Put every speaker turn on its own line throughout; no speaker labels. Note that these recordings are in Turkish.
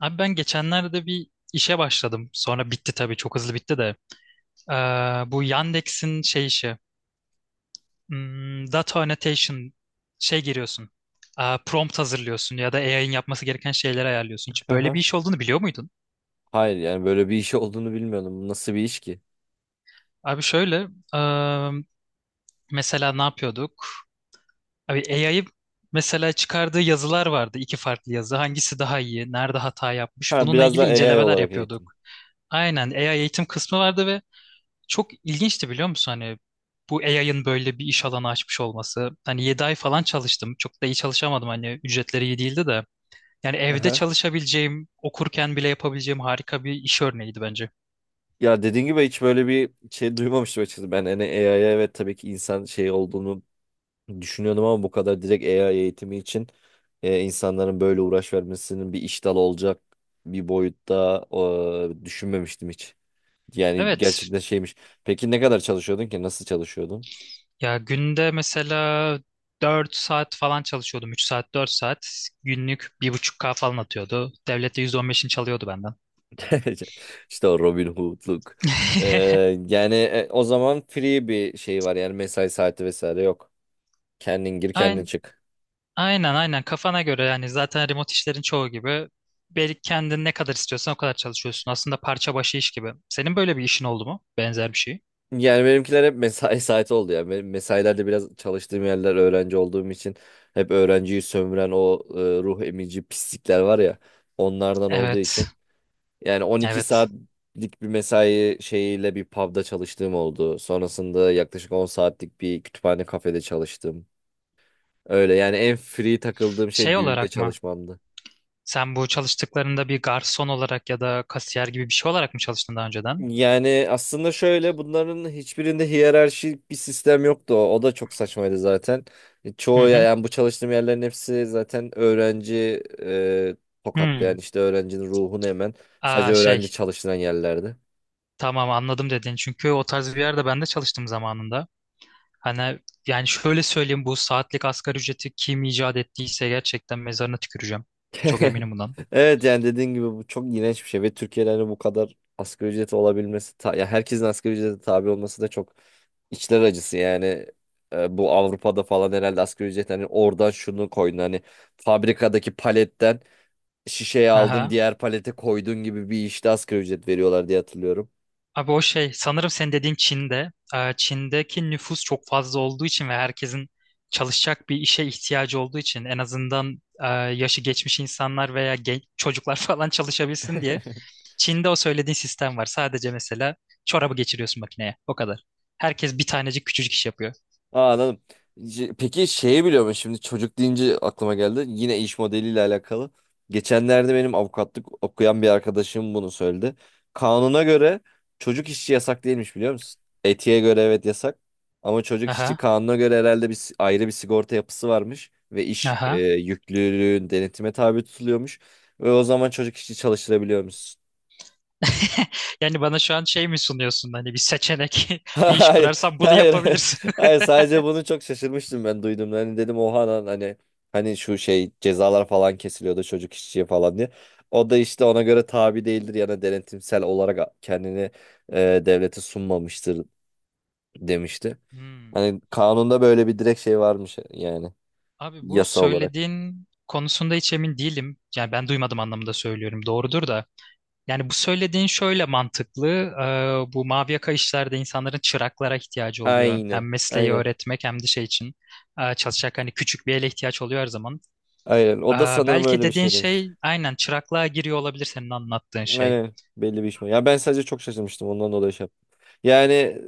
Abi ben geçenlerde bir işe başladım. Sonra bitti tabii, çok hızlı bitti de. Ee, Bu Yandex'in şey işi. Data annotation şey giriyorsun. Prompt hazırlıyorsun ya da AI'ın yapması gereken şeyleri ayarlıyorsun. Hiç böyle
Aha.
bir iş olduğunu biliyor muydun?
Hayır yani böyle bir iş olduğunu bilmiyordum. Bu nasıl bir iş ki?
Abi şöyle ee, mesela ne yapıyorduk? Abi AI'yı, mesela çıkardığı yazılar vardı. İki farklı yazı. Hangisi daha iyi? Nerede hata yapmış?
Ha,
Bununla
biraz da
ilgili
AI
incelemeler
olarak
yapıyorduk.
eğitim.
Aynen, AI eğitim kısmı vardı. Çok ilginçti biliyor musun, hani bu AI'ın böyle bir iş alanı açmış olması. Hani 7 ay falan çalıştım. Çok da iyi çalışamadım, hani ücretleri iyi değildi de. Yani evde
Aha.
çalışabileceğim, okurken bile yapabileceğim harika bir iş örneğiydi bence.
Ya dediğin gibi hiç böyle bir şey duymamıştım açıkçası. Ben hani AI'ya evet tabii ki insan şey olduğunu düşünüyordum ama bu kadar direkt AI eğitimi için insanların böyle uğraş vermesinin bir iş dalı olacak bir boyutta düşünmemiştim hiç. Yani
Evet.
gerçekten şeymiş. Peki ne kadar çalışıyordun ki? Nasıl çalışıyordun?
Ya günde mesela 4 saat falan çalışıyordum. 3 saat, 4 saat günlük bir buçuk k falan atıyordu. Devlet de %15'ini çalıyordu benden.
İşte o Robin Hood'luk. Ee, Yani o zaman free bir şey var yani mesai saati vesaire yok. Kendin gir kendin
Aynen.
çık.
Aynen kafana göre, yani zaten remote işlerin çoğu gibi belki kendin ne kadar istiyorsan o kadar çalışıyorsun. Aslında parça başı iş gibi. Senin böyle bir işin oldu mu? Benzer bir şey.
Yani benimkiler hep mesai saati oldu ya. Benim mesailerde biraz çalıştığım yerler öğrenci olduğum için hep öğrenciyi sömüren o ruh emici pislikler var ya onlardan olduğu
Evet.
için. Yani 12
Evet.
saatlik bir mesai şeyiyle bir pub'da çalıştığım oldu. Sonrasında yaklaşık 10 saatlik bir kütüphane kafede çalıştım. Öyle yani en free takıldığım şey
Şey
düğünde
olarak mı?
çalışmamdı.
Sen bu çalıştıklarında bir garson olarak ya da kasiyer gibi bir şey olarak mı çalıştın daha önceden?
Yani aslında şöyle bunların hiçbirinde hiyerarşik bir sistem yoktu. O da çok saçmaydı zaten.
Hı
Çoğu
hı.
yani bu çalıştığım yerlerin hepsi zaten öğrenci tokatlı yani
Hmm.
işte öğrencinin ruhunu hemen sadece
Aa,
öğrenci
şey.
çalıştıran yerlerdi.
Tamam, anladım dedin. Çünkü o tarz bir yerde ben de çalıştım zamanında. Hani, yani şöyle söyleyeyim, bu saatlik asgari ücreti kim icat ettiyse gerçekten mezarına tüküreceğim. Çok eminim bundan.
Evet yani dediğin gibi bu çok iğrenç bir şey ve Türkiye'de hani bu kadar asgari ücreti olabilmesi ya herkesin asgari ücrete tabi olması da çok İçler acısı yani. Bu Avrupa'da falan herhalde asgari ücret hani oradan şunu koydun hani fabrikadaki paletten şişeye aldın
Aha.
diğer palete koydun gibi bir işte asgari ücret veriyorlar diye hatırlıyorum.
Abi o şey sanırım senin dediğin Çin'de. Çin'deki nüfus çok fazla olduğu için ve herkesin çalışacak bir işe ihtiyacı olduğu için, en azından yaşı geçmiş insanlar veya genç çocuklar falan çalışabilsin diye Çin'de o söylediğin sistem var. Sadece mesela çorabı geçiriyorsun makineye. O kadar. Herkes bir tanecik küçücük iş yapıyor.
Aa, anladım. Peki şeyi biliyor musun? Şimdi çocuk deyince aklıma geldi. Yine iş modeliyle alakalı. Geçenlerde benim avukatlık okuyan bir arkadaşım bunu söyledi. Kanuna göre çocuk işçi yasak değilmiş biliyor musun? Etiğe göre evet yasak. Ama çocuk işçi
Aha.
kanuna göre herhalde bir ayrı bir sigorta yapısı varmış. Ve iş
Aha.
yüklülüğün denetime tabi tutuluyormuş. Ve o zaman çocuk işçi çalıştırabiliyormuş.
Yani bana şu an şey mi sunuyorsun, hani bir seçenek, bir iş
Hayır,
kurarsan bunu
hayır, hayır.
yapabilirsin.
Hayır, sadece bunu çok şaşırmıştım ben duyduğumda. Hani dedim oha lan hani şu şey cezalar falan kesiliyordu çocuk işçiye falan diye. O da işte ona göre tabi değildir yani denetimsel olarak kendini devlete sunmamıştır demişti.
Hmm.
Hani kanunda böyle bir direkt şey varmış yani
Abi bu
yasa olarak.
söylediğin konusunda hiç emin değilim. Yani ben duymadım anlamında söylüyorum. Doğrudur da. Yani bu söylediğin şöyle mantıklı. Bu mavi yaka işlerde insanların çıraklara ihtiyacı oluyor.
Aynen,
Hem mesleği
aynen,
öğretmek hem de şey için. Çalışacak, hani küçük bir ele ihtiyaç oluyor her zaman.
aynen.
Ee,
O da sanırım
Belki
öyle bir
dediğin
şey demişti.
şey aynen çıraklığa giriyor olabilir, senin anlattığın şey.
Aynen belli bir iş mi? Ya ben sadece çok şaşırmıştım ondan dolayı şey yaptım. Yani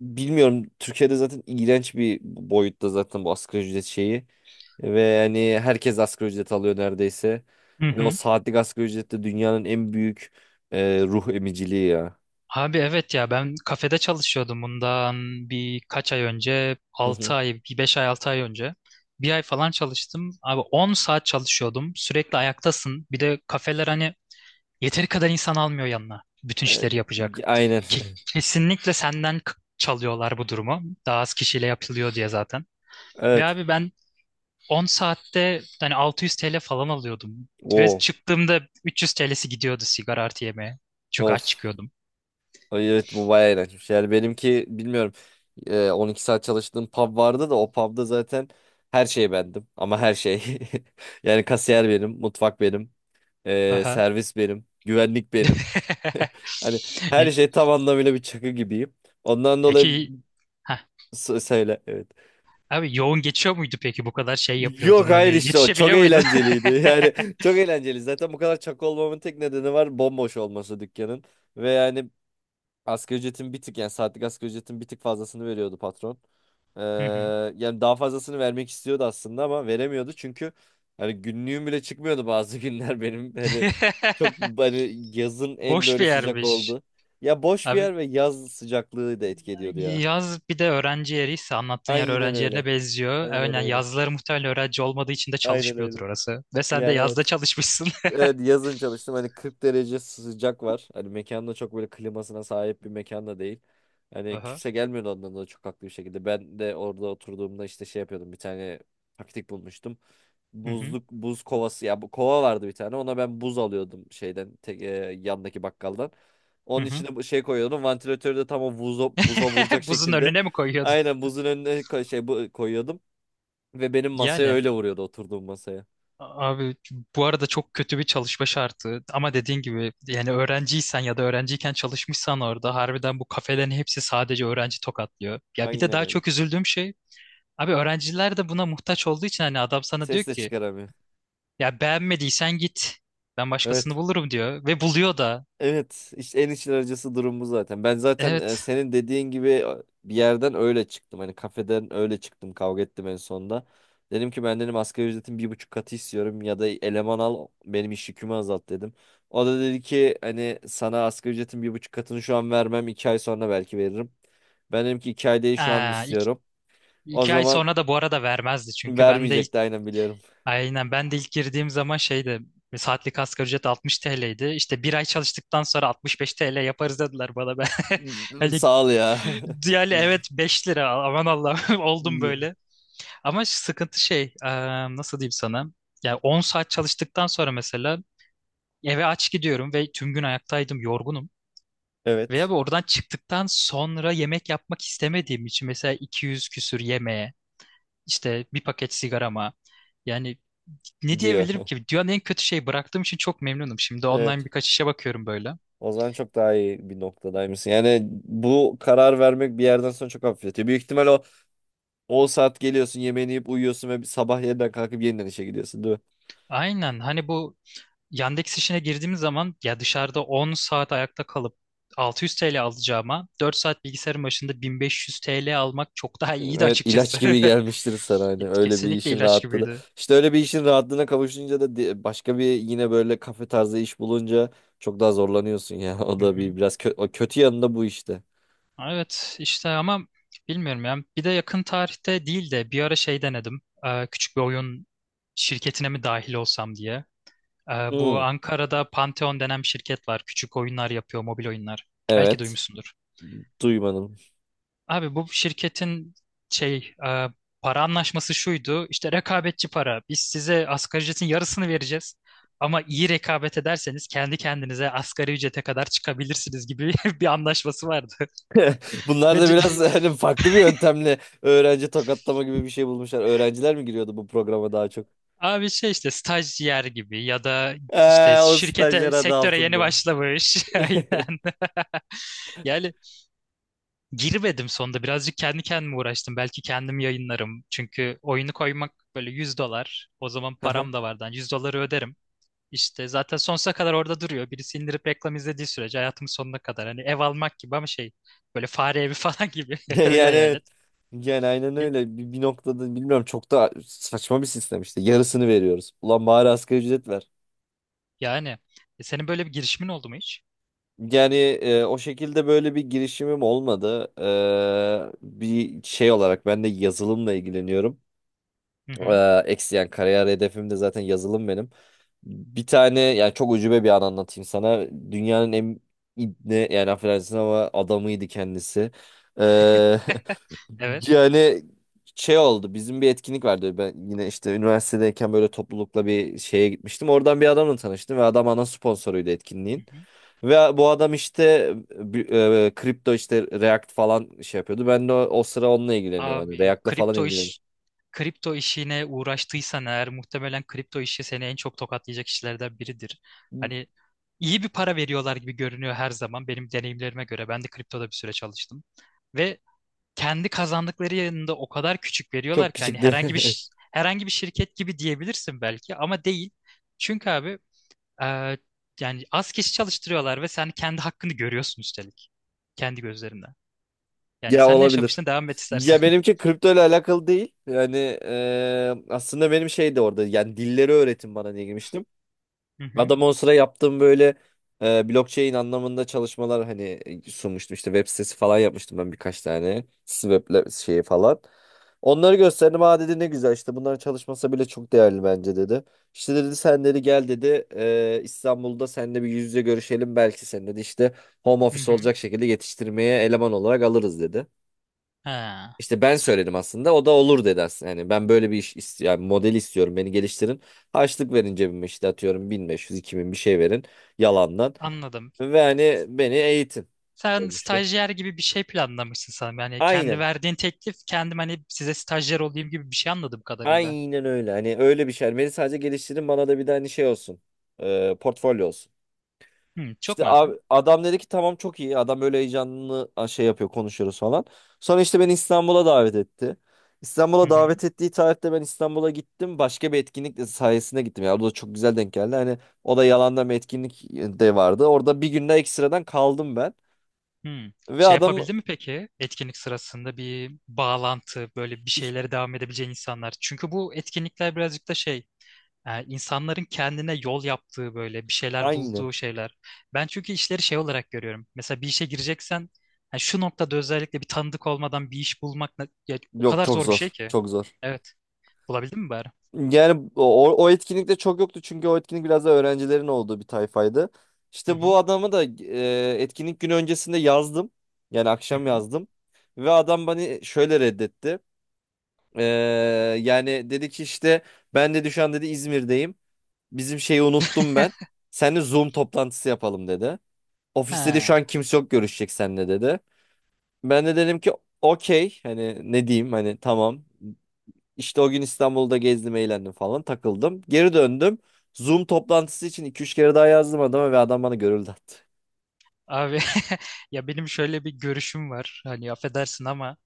bilmiyorum Türkiye'de zaten iğrenç bir boyutta zaten bu asgari ücret şeyi. Ve yani herkes asgari ücret alıyor neredeyse. Ve o saatlik asgari ücret de dünyanın en büyük ruh emiciliği ya.
Abi evet ya, ben kafede çalışıyordum bundan birkaç ay önce,
Hı
altı
hı.
ay bir 5 ay 6 ay önce bir ay falan çalıştım abi. 10 saat çalışıyordum, sürekli ayaktasın, bir de kafeler hani yeteri kadar insan almıyor yanına bütün
E,
işleri yapacak.
aynen.
Ke- Kesinlikle senden çalıyorlar, bu durumu daha az kişiyle yapılıyor diye zaten. Ve
Evet.
abi ben 10 saatte hani 600 TL falan alıyordum. Ve
O.
çıktığımda 300 TL'si gidiyordu sigara artı yemeğe, çünkü aç
Of.
çıkıyordum.
Ay, evet bu bayağı iğrençmiş. Yani benimki bilmiyorum. 12 saat çalıştığım pub vardı da o pubda zaten her şey bendim. Ama her şey. Yani kasiyer benim, mutfak benim.
Aha.
Servis benim. Güvenlik benim. Hani her
Y-
şey tam anlamıyla bir çakı gibiyim. Ondan dolayı
Peki, ha
Söyle evet.
abi, yoğun geçiyor muydu peki, bu kadar şey
Yok
yapıyordun, hani
hayır işte o çok
yetişebiliyor muydun?
eğlenceliydi. Yani çok eğlenceli. Zaten bu kadar çakı olmamın tek nedeni var bomboş olması dükkanın. Ve yani asgari ücretin bir tık yani saatlik asgari ücretin bir tık fazlasını veriyordu patron. Ee,
Hı hı.
Yani daha fazlasını vermek istiyordu aslında ama veremiyordu çünkü hani günlüğüm bile çıkmıyordu bazı günler benim hani çok hani yazın en
Boş
böyle
bir
sıcak
yermiş.
oldu. Ya boş bir
Abi
yer ve yaz sıcaklığı da etki ediyordu ya.
yaz, bir de öğrenci yeriyse, anlattığın yer
Aynen
öğrenci yerine
öyle.
benziyor.
Aynen
Aynen,
öyle.
yazları muhtemelen öğrenci olmadığı için de
Aynen
çalışmıyordur
öyle.
orası. Ve sen de
Yani
yazda
evet.
çalışmışsın.
Evet yazın çalıştım. Hani 40 derece sıcak var. Hani mekanda çok böyle klimasına sahip bir mekan da değil. Hani
Aha.
kimse gelmiyordu ondan da çok haklı bir şekilde. Ben de orada oturduğumda işte şey yapıyordum. Bir tane taktik bulmuştum.
Hı hı.
Buzluk buz kovası ya bu kova vardı bir tane. Ona ben buz alıyordum şeyden tek, yandaki bakkaldan.
Hı
Onun
hı.
içine bu şey koyuyordum. Vantilatörü de tam o buza vuracak
Buzun
şekilde.
önüne mi koyuyordun?
Aynen buzun önüne şey bu koyuyordum ve benim masaya
Yani.
öyle vuruyordu oturduğum masaya.
Abi bu arada çok kötü bir çalışma şartı, ama dediğin gibi, yani öğrenciysen ya da öğrenciyken çalışmışsan orada harbiden bu kafelerin hepsi sadece öğrenci tokatlıyor. Ya bir de
Aynen
daha
öyle.
çok üzüldüğüm şey abi, öğrenciler de buna muhtaç olduğu için, hani adam sana diyor
Ses de
ki
çıkaramıyor.
ya beğenmediysen git, ben başkasını
Evet.
bulurum diyor ve buluyor da.
Evet, işte en içler acısı durum bu zaten. Ben zaten
Evet.
senin dediğin gibi bir yerden öyle çıktım. Hani kafeden öyle çıktım. Kavga ettim en sonunda. Dedim ki ben dedim asgari ücretin bir buçuk katı istiyorum ya da eleman al benim iş yükümü azalt dedim. O da dedi ki hani sana asgari ücretin bir buçuk katını şu an vermem 2 ay sonra belki veririm. Ben dedim ki 2 ay değil şu an
Aa,
istiyorum. O
2 ay
zaman
sonra da bu arada vermezdi, çünkü ben de.
vermeyecekti aynen biliyorum.
Aynen, ben de ilk girdiğim zaman şeydi, saatlik asgari ücret 60 TL'ydi. İşte bir ay çalıştıktan sonra 65 TL yaparız dediler bana. Ben hani,
Sağ ol ya.
yani evet, 5 lira, aman Allah'ım, oldum böyle. Ama sıkıntı şey, nasıl diyeyim sana? Yani 10 saat çalıştıktan sonra mesela eve aç gidiyorum ve tüm gün ayaktaydım, yorgunum. Veya
Evet
oradan çıktıktan sonra yemek yapmak istemediğim için mesela 200 küsür yemeğe, işte bir paket sigarama, yani ne
gidiyor.
diyebilirim ki? Dünyanın en kötü şey, bıraktığım için çok memnunum. Şimdi online
Evet.
birkaç işe bakıyorum böyle.
O zaman çok daha iyi bir noktadaymışsın. Yani bu karar vermek bir yerden sonra çok hafifletiyor. Büyük ihtimal o saat geliyorsun, yemeğini yiyip uyuyorsun ve bir sabah yeniden kalkıp yeniden işe gidiyorsun, değil mi?
Aynen, hani bu Yandex işine girdiğim zaman ya dışarıda 10 saat ayakta kalıp 600 TL alacağıma 4 saat bilgisayarın başında 1500 TL almak çok daha iyiydi
Evet,
açıkçası.
ilaç gibi gelmiştir sana hani öyle bir
Kesinlikle
işin
ilaç
rahatlığı da.
gibiydi.
İşte öyle bir işin rahatlığına kavuşunca da başka bir yine böyle kafe tarzı iş bulunca çok daha zorlanıyorsun ya. O
Hı
da
hı.
bir biraz o kötü yanında bu işte.
Evet işte, ama bilmiyorum ya. Bir de yakın tarihte değil de bir ara şey denedim. Küçük bir oyun şirketine mi dahil olsam diye. Bu
Hmm,
Ankara'da Pantheon denen bir şirket var. Küçük oyunlar yapıyor, mobil oyunlar. Belki
evet,
duymuşsundur.
duymadım.
Abi bu şirketin şey, para anlaşması şuydu. İşte rekabetçi para. Biz size asgari ücretin yarısını vereceğiz. Ama iyi rekabet ederseniz kendi kendinize asgari ücrete kadar çıkabilirsiniz gibi bir anlaşması vardı.
Bunlar
Ve
da
d-
biraz hani farklı bir yöntemle öğrenci tokatlama gibi bir şey bulmuşlar. Öğrenciler mi giriyordu bu programa daha çok?
Abi şey, işte stajyer gibi ya da işte
O
şirkete,
stajyer adı
sektöre yeni
altında.
başlamış. Aynen. Yani girmedim sonunda. Birazcık kendi kendime uğraştım. Belki kendim yayınlarım. Çünkü oyunu koymak böyle 100 dolar. O zaman
Aha.
param da vardı. Yani 100 doları öderim. İşte zaten sonsuza kadar orada duruyor. Birisi indirip reklam izlediği sürece hayatımın sonuna kadar. Hani ev almak gibi ama şey, böyle fare evi falan gibi. Öyle
Yani
hayal
evet.
et.
Yani aynen öyle. Bir noktada bilmiyorum çok da saçma bir sistem işte. Yarısını veriyoruz. Ulan bari asgari ücret ver.
Yani, senin böyle bir girişimin oldu mu hiç?
Yani o şekilde böyle bir girişimim olmadı. Bir şey olarak ben de yazılımla ilgileniyorum.
Hı hı.
Eksi yani kariyer hedefim de zaten yazılım benim. Bir tane yani çok ucube bir an anlatayım sana. Dünyanın en ibne yani affedersin ama adamıydı kendisi. Ee,
Evet.
yani şey oldu bizim bir etkinlik vardı. Ben yine işte üniversitedeyken böyle toplulukla bir şeye gitmiştim. Oradan bir adamla tanıştım ve adam ana sponsoruydu
Hı
etkinliğin.
hı.
Ve bu adam işte kripto işte React falan şey yapıyordu. Ben de o sıra onunla ilgileniyorum. Hani
Abi
React'la falan ilgileniyorum.
kripto işine uğraştıysan eğer, muhtemelen kripto işi seni en çok tokatlayacak işlerden biridir. Hani iyi bir para veriyorlar gibi görünüyor her zaman, benim deneyimlerime göre. Ben de kriptoda bir süre çalıştım. Ve kendi kazandıkları yanında o kadar küçük veriyorlar
Çok
ki, hani
küçüktü.
herhangi bir şirket gibi diyebilirsin belki, ama değil. Çünkü abi, e, yani az kişi çalıştırıyorlar ve sen kendi hakkını görüyorsun üstelik kendi gözlerinden. Yani
Ya
sen ne
olabilir.
yaşamıştın, devam et istersen.
Ya benimki kripto ile alakalı değil. Yani aslında benim şey de orada. Yani dilleri öğretin bana diye girmiştim.
Hı hı.
Adam on sıra yaptığım böyle blockchain anlamında çalışmalar hani sunmuştum. İşte web sitesi falan yapmıştım ben birkaç tane. Web şeyi falan. Onları gösterdim. Aa dedi ne güzel işte bunların çalışması bile çok değerli bence dedi. İşte dedi sen dedi gel dedi İstanbul'da seninle bir yüz yüze görüşelim. Belki sen dedi işte home
Hı
office
hı.
olacak şekilde yetiştirmeye eleman olarak alırız dedi.
Ha,
İşte ben söyledim aslında. O da olur dedi aslında. Yani ben böyle bir iş yani model istiyorum. Beni geliştirin. Harçlık verin cebime işte atıyorum bin beş, yüz iki bin bir şey verin yalandan.
anladım.
Ve hani beni eğitin
Sen
olmuştu.
stajyer gibi bir şey planlamışsın sanırım. Yani kendi
Aynen.
verdiğin teklif, kendim hani size stajyer olayım gibi bir şey, anladım kadarıyla.
Aynen öyle. Hani öyle bir şey. Hani beni sadece geliştirin bana da bir de hani şey olsun. Portfolyo olsun.
Hı, çok
İşte
makul.
abi, adam dedi ki tamam çok iyi. Adam böyle heyecanlı şey yapıyor konuşuyoruz falan. Sonra işte beni İstanbul'a davet etti.
Hı
İstanbul'a
hı.
davet ettiği tarihte ben İstanbul'a gittim. Başka bir etkinlik sayesinde gittim. Ya o da çok güzel denk geldi. Hani o da yalandan bir etkinlik de vardı. Orada bir günde ekstradan kaldım ben.
Hı.
Ve
Şey
adam
yapabildi mi peki, etkinlik sırasında bir bağlantı, böyle bir
iş-
şeylere devam edebileceğin insanlar? Çünkü bu etkinlikler birazcık da şey, insanların kendine yol yaptığı, böyle bir şeyler
aynen.
bulduğu şeyler. Ben çünkü işleri şey olarak görüyorum. Mesela bir işe gireceksen, ha, şu noktada özellikle bir tanıdık olmadan bir iş bulmak ya, o
Yok
kadar
çok
zor bir şey
zor.
ki.
Çok zor.
Evet. Bulabildin mi bari?
Yani o etkinlikte çok yoktu çünkü o etkinlik biraz da öğrencilerin olduğu bir tayfaydı.
Hı
İşte
hı.
bu adamı da etkinlik günü öncesinde yazdım. Yani
Hı
akşam
hı.
yazdım. Ve adam beni şöyle reddetti. E, Yani dedi ki işte ben dedi şu an dedi İzmir'deyim. Bizim şeyi unuttum ben. Seninle Zoom toplantısı yapalım dedi. Ofiste de
Ha,
şu an kimse yok görüşecek seninle dedi. Ben de dedim ki okey hani ne diyeyim hani tamam işte o gün İstanbul'da gezdim, eğlendim falan, takıldım. Geri döndüm. Zoom toplantısı için iki üç kere daha yazdım adama ve adam bana görüldü attı.
abi, ya benim şöyle bir görüşüm var. Hani affedersin ama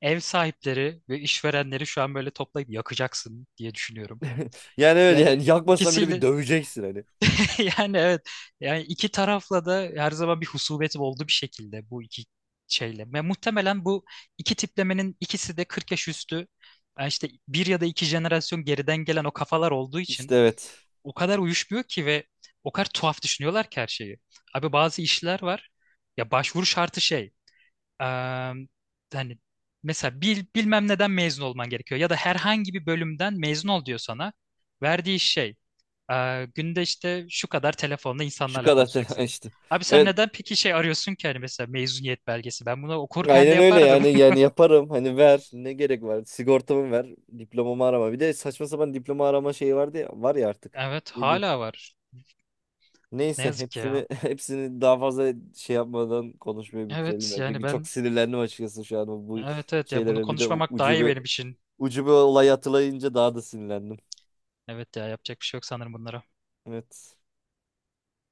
ev sahipleri ve işverenleri şu an böyle toplayıp yakacaksın diye düşünüyorum.
Yani öyle yani
Yani
yakmasan bile bir
ikisiyle,
döveceksin hani.
yani evet, yani iki tarafla da her zaman bir husumetim oldu bir şekilde, bu iki şeyle. Ve muhtemelen bu iki tiplemenin ikisi de 40 yaş üstü, yani işte bir ya da 2 jenerasyon geriden gelen o kafalar olduğu
İşte
için
evet.
o kadar uyuşmuyor ki, ve o kadar tuhaf düşünüyorlar ki her şeyi. Abi bazı işler var ya, başvuru şartı şey, Eee, hani mesela bilmem neden mezun olman gerekiyor ya da herhangi bir bölümden mezun ol diyor sana. Verdiği şey, günde işte şu kadar telefonla
Şu
insanlarla
kadar tela
konuşacaksın.
işte.
Abi sen
Evet,
neden peki şey arıyorsun ki, hani mesela mezuniyet belgesi? Ben bunu okurken de
aynen öyle
yapardım.
yani yani yaparım. Hani ver ne gerek var? Sigortamı ver, diplomamı arama. Bir de saçma sapan diploma arama şeyi vardı ya, var ya artık.
Evet,
Ne diyeyim?
hala var. Ne
Neyse
yazık ki
hepsini
ya.
hepsini daha fazla şey yapmadan konuşmayı bitirelim
Evet
ya.
yani
Çünkü çok
ben,
sinirlendim açıkçası şu an bu
evet evet ya, bunu
şeylere bir de
konuşmamak daha iyi
ucube
benim için.
ucube olay hatırlayınca daha da sinirlendim.
Evet ya, yapacak bir şey yok sanırım bunlara.
Evet.